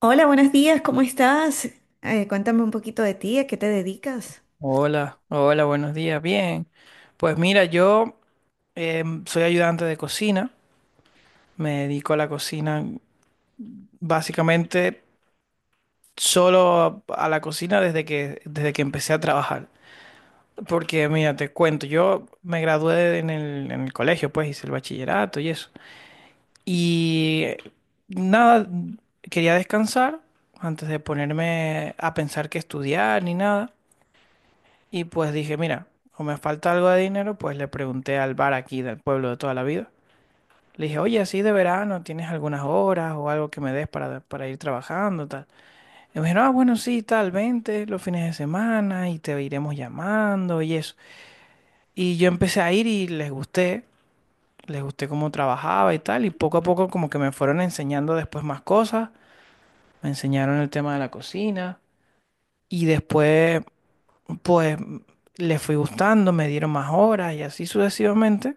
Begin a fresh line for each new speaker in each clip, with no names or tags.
Hola, buenos días, ¿cómo estás? Cuéntame un poquito de ti, ¿a qué te dedicas?
Hola, hola, buenos días. Bien, pues mira, yo soy ayudante de cocina, me dedico a la cocina básicamente solo a la cocina desde que empecé a trabajar. Porque mira, te cuento, yo me gradué en el colegio, pues hice el bachillerato y eso. Y eh, Nada, quería descansar antes de ponerme a pensar que estudiar ni nada. Y pues dije, mira, o me falta algo de dinero, pues le pregunté al bar aquí del pueblo de toda la vida. Le dije, oye, así de verano, ¿tienes algunas horas o algo que me des para ir trabajando, tal? Y me dijeron, ah, bueno, sí, tal, vente los fines de semana y te iremos llamando y eso. Y yo empecé a ir y les gusté cómo trabajaba y tal, y poco a poco como que me fueron enseñando después más cosas, me enseñaron el tema de la cocina. Y después pues le fui gustando, me dieron más horas y así sucesivamente.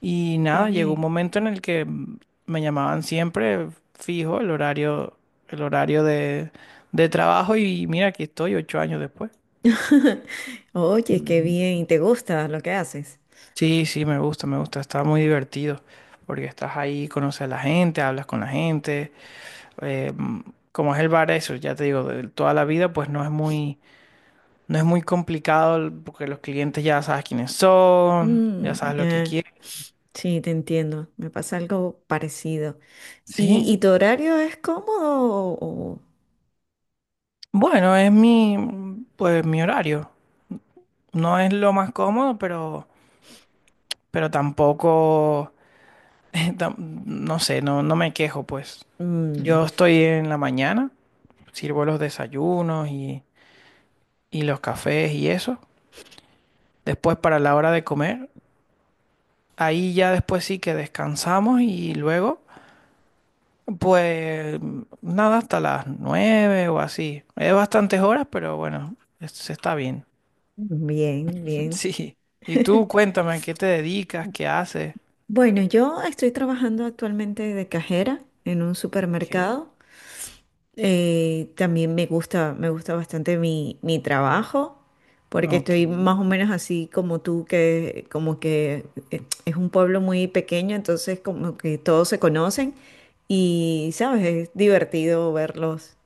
Y
Qué
nada, llegó un
bien.
momento en el que me llamaban siempre fijo el horario, el horario de, de trabajo y mira, aquí estoy 8 años después.
Oye, qué
Ujú.
bien, ¿te gusta lo que haces?
Sí, sí, me gusta, está muy divertido porque estás ahí, conoces a la gente, hablas con la gente. eh, mm, Como es el bar, eso, ya te digo, de toda la vida, pues no es muy complicado porque los clientes ya sabes quiénes son, ya
Mm,
sabes lo que
ya,
quieren.
sí, te entiendo, me pasa algo parecido. ¿Y,
Sí,
tu horario es cómodo o-
bueno, pues mi horario. No es lo más cómodo, pero tampoco, no sé, no, no me quejo, pues.
o-
Yo
mm,
estoy en la mañana, sirvo los desayunos y los cafés y eso. Después para la hora de comer, ahí ya después sí que descansamos y luego, pues nada, hasta las 9 o así. Es bastantes horas, pero bueno, se está bien.
bien, bien?
Sí. Y tú cuéntame, ¿a qué te dedicas? ¿Qué haces?
Bueno, yo estoy trabajando actualmente de cajera en un
Ok,
supermercado. También me gusta bastante mi trabajo, porque
ok.
estoy más o menos así como tú, que es un pueblo muy pequeño, entonces como que todos se conocen y, ¿sabes? Es divertido verlos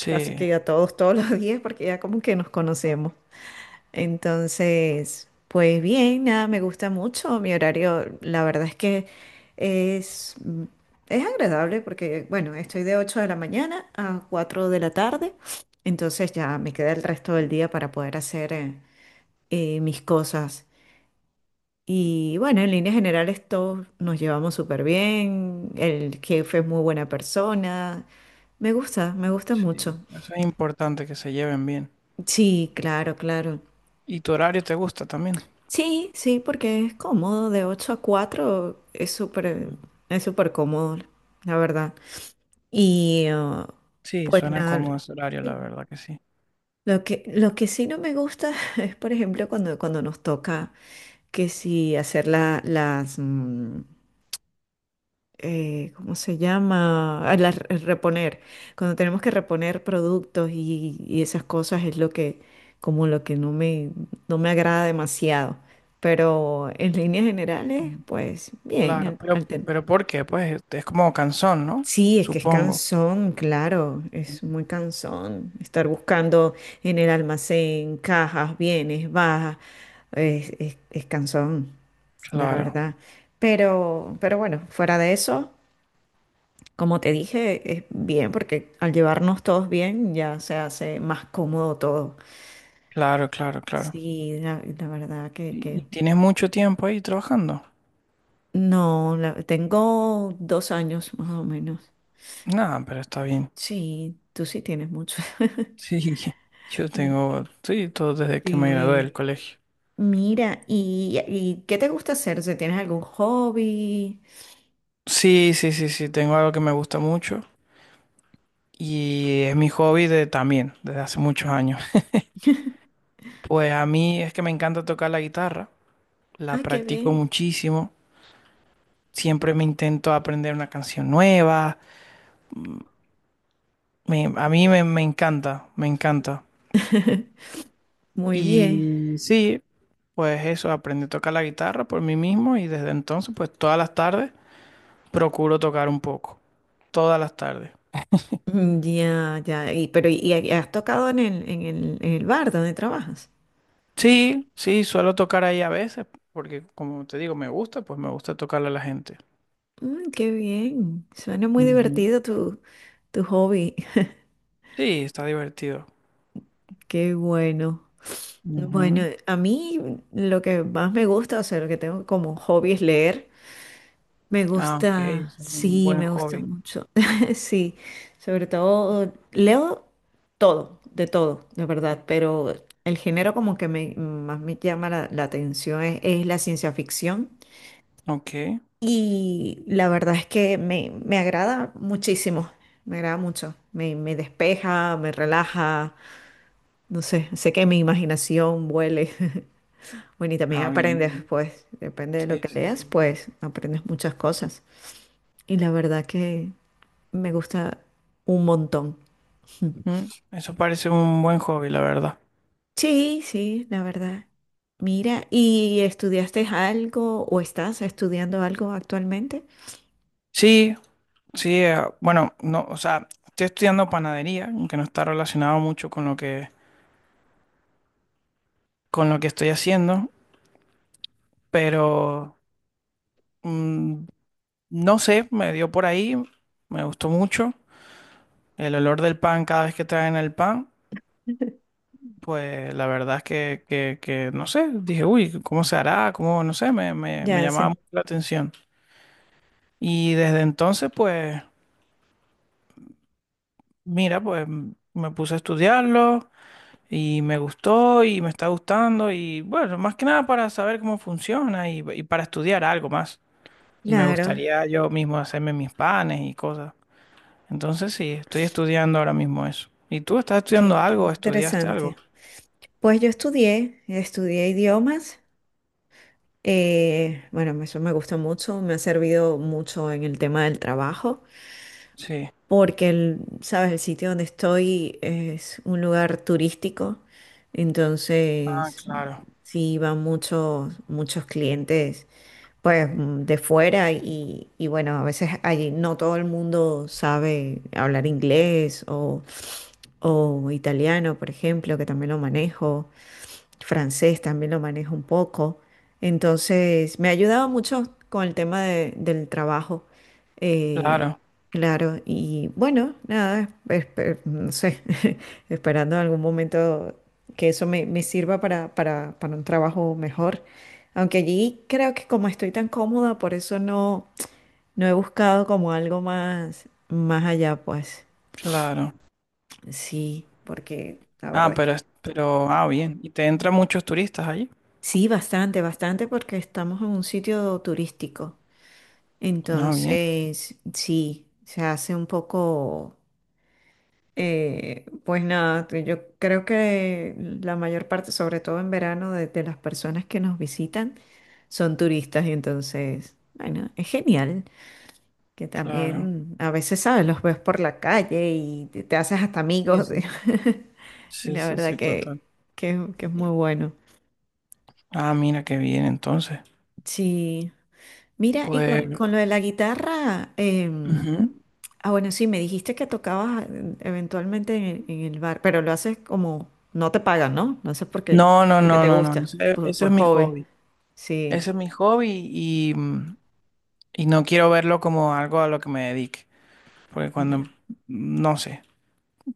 casi que a todos todos los días porque ya como que nos conocemos. Entonces, pues bien, nada, me gusta mucho. Mi horario, la verdad es que es, es agradable porque, bueno, estoy de 8 de la mañana a 4 de la tarde. Entonces ya me queda el resto del día para poder hacer mis cosas. Y bueno, en líneas generales todos nos llevamos súper bien. El jefe es muy buena persona. Me gusta
sí,
mucho.
eso es importante que se lleven bien.
Sí, claro, claro.
¿Y tu horario te gusta también?
Sí, sí, porque es cómodo, de 8 a 4 es súper cómodo, la verdad. Y ah,
Sí,
pues
suena
nada,
cómodo ese horario,
Sí.
la verdad que sí.
Lo que, lo que sí no me gusta es, por ejemplo, cuando, cuando nos toca que si hacer la- las, mm, ¿cómo se llama? Ah, el reponer. Cuando tenemos que reponer productos y esas cosas es lo que, como lo que no me agrada demasiado. Pero en líneas generales,
Mm.
pues bien.
Claro, pero ¿por qué? Pues este, es como cansón, ¿no?
Sí, es que es
Supongo.
cansón, claro, es muy cansón estar buscando en el almacén cajas, bienes, bajas, es cansón, la
Claro,
verdad. Pero bueno, fuera de eso. Como te dije, es bien porque al llevarnos todos bien ya se hace más cómodo todo.
claro, claro, claro.
Sí, la verdad
¿Y
que
tienes mucho tiempo ahí trabajando?
no, tengo dos años más o menos.
Nada, pero está bien.
Sí, tú sí tienes mucho.
Sí, yo
Mm,
tengo, sí, todo desde que me gradué
sí.
del colegio.
Mira, ¿y, qué te gusta hacer? ¿Si tienes algún hobby?
Sí, sí, sí, sí, tengo algo que me gusta mucho. Y es mi hobby de, también, desde hace muchos años. Pues a mí es que me encanta tocar la guitarra, la
Ah, qué
practico
bien.
muchísimo, siempre me intento aprender una canción nueva, a mí me, me encanta, me encanta.
Muy bien.
Y sí, pues eso, aprendí a tocar la guitarra por mí mismo y desde entonces, pues todas las tardes procuro tocar un poco, todas las tardes.
Mm, ya, ya. Y, pero, ¿y has tocado en el, en el, en el bar donde trabajas?
Sí, sí, suelo tocar ahí a veces, porque como te digo, me gusta, pues me gusta tocarle a la gente.
Mm, qué bien. Suena muy
Ujú.
divertido tu hobby.
Sí, está divertido.
Qué bueno. Bueno,
Ujú.
a mí lo que más me gusta, o sea, lo que tengo como hobby es leer. Me
Ah, ok,
gusta,
es un
sí,
buen
me gusta
hobby.
mucho. Sí, sobre todo leo todo, de verdad, pero el género como que más me llama la atención es la ciencia ficción.
Ok.
Y la verdad es que me agrada muchísimo, me agrada mucho, me despeja, me relaja, no sé, sé que mi imaginación vuele. Bueno, y también
Ah, bien,
aprendes,
bien.
pues, depende de lo
Sí,
que
sí,
leas,
sí.
pues aprendes muchas cosas. Y la verdad que me gusta un montón. Mm.
Mm, eso parece un buen hobby, la verdad.
Sí, sí, la verdad. Mira, ¿y estudiaste algo o estás estudiando algo actualmente?
Sí, sí, bueno, no, o sea, estoy estudiando panadería, aunque no está relacionado mucho con lo que estoy haciendo, pero mm, no sé, me dio por ahí, me gustó mucho el olor del pan cada vez que traen el pan. Pues la verdad es que, que no sé, dije, uy, ¿cómo se hará? ¿Cómo? No sé, me, me
Ya,
llamaba mucho la atención. Y desde entonces, pues, mira, pues me puse a estudiarlo y me gustó y me está gustando y bueno, más que nada para saber cómo funciona y para estudiar algo más. Y me
claro,
gustaría yo mismo hacerme mis panes y cosas. Entonces sí, estoy estudiando ahora mismo eso. ¿Y tú estás
qué,
estudiando
qué
algo? ¿Estudiaste algo?
interesante. Pues yo estudié, estudié idiomas. Bueno, eso me gusta mucho, me ha servido mucho en el tema del trabajo,
Sí.
porque el, sabes, el sitio donde estoy es un lugar turístico,
Ah,
entonces
claro,
sí van muchos, muchos clientes, pues de fuera y bueno, a veces allí no todo el mundo sabe hablar inglés o italiano, por ejemplo, que también lo manejo, francés también lo manejo un poco. Entonces, me ha ayudado mucho con el tema del trabajo. eh,
claro,
claro, y bueno, nada, no sé, esperando en algún momento que eso me sirva para un trabajo mejor. Aunque allí creo que como estoy tan cómoda, por eso no, no he buscado como algo más, más allá, pues
claro.
sí, porque la
Ah,
verdad.
pero, pero, ah, bien. ¿Y te entran muchos turistas allí?
Sí, bastante, bastante, porque estamos en un sitio turístico.
Ah, bien,
Entonces, sí, se hace un poco, pues nada, que yo creo que la mayor parte, sobre todo en verano, de las personas que nos visitan son turistas. Y entonces, bueno, es genial que
claro.
también a veces, ¿sabes? Los ves por la calle y te haces hasta
Sí,
amigos.
sí, sí.
Y
Sí,
la
sí,
verdad
sí, total.
que es muy bueno.
Ah, mira qué bien, entonces.
Sí. Mira, y
Pues,
con lo de la guitarra,
ujú.
ah, bueno, sí, me dijiste que tocabas eventualmente en el bar, pero lo haces como, no te pagan, ¿no? No haces porque,
No, no,
porque
no,
te
no, no.
gusta,
Ese, ese
por
es mi
hobby.
hobby.
Sí,
Ese es mi hobby y, y no quiero verlo como algo a lo que me dedique. Porque cuando,
ya.
no sé,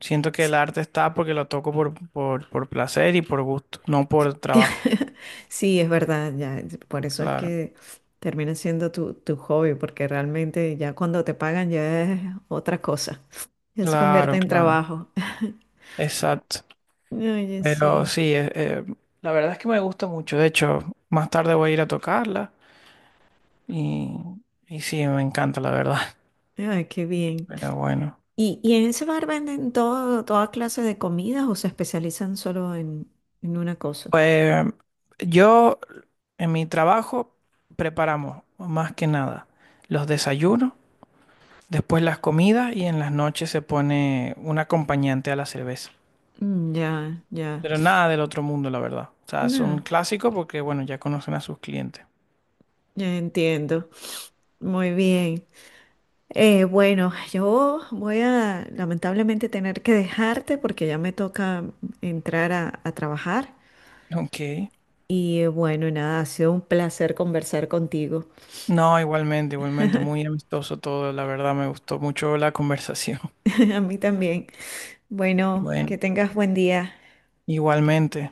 siento que
Sí,
el arte está porque lo toco por placer y por gusto, no por trabajo.
sí, es verdad, ya, por eso es
Claro,
que termina siendo tu hobby, porque realmente ya cuando te pagan ya es otra cosa, ya se convierte
claro,
en
claro.
trabajo.
Exacto.
Oye,
Pero
sí,
sí, la verdad es que me gusta mucho. De hecho, más tarde voy a ir a tocarla y, y sí, me encanta, la verdad.
ay, qué bien.
Pero bueno,
¿Y, en ese bar venden todo, toda clase de comidas o se especializan solo en una cosa?
pues yo en mi trabajo preparamos más que nada los desayunos, después las comidas y en las noches se pone un acompañante a la cerveza.
Mm, ya, ya.
Pero nada del otro mundo, la verdad. O sea, son
No,
clásicos porque, bueno, ya conocen a sus clientes.
ya entiendo. Muy bien. Bueno, yo voy a lamentablemente tener que dejarte porque ya me toca entrar a trabajar.
Ok.
Bueno, nada, ha sido un placer conversar contigo.
No, igualmente, igualmente, muy amistoso todo, la verdad me gustó mucho la conversación.
A mí también. Bueno, que
Bueno,
tengas buen día.
igualmente,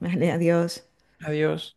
Vale, adiós.
adiós.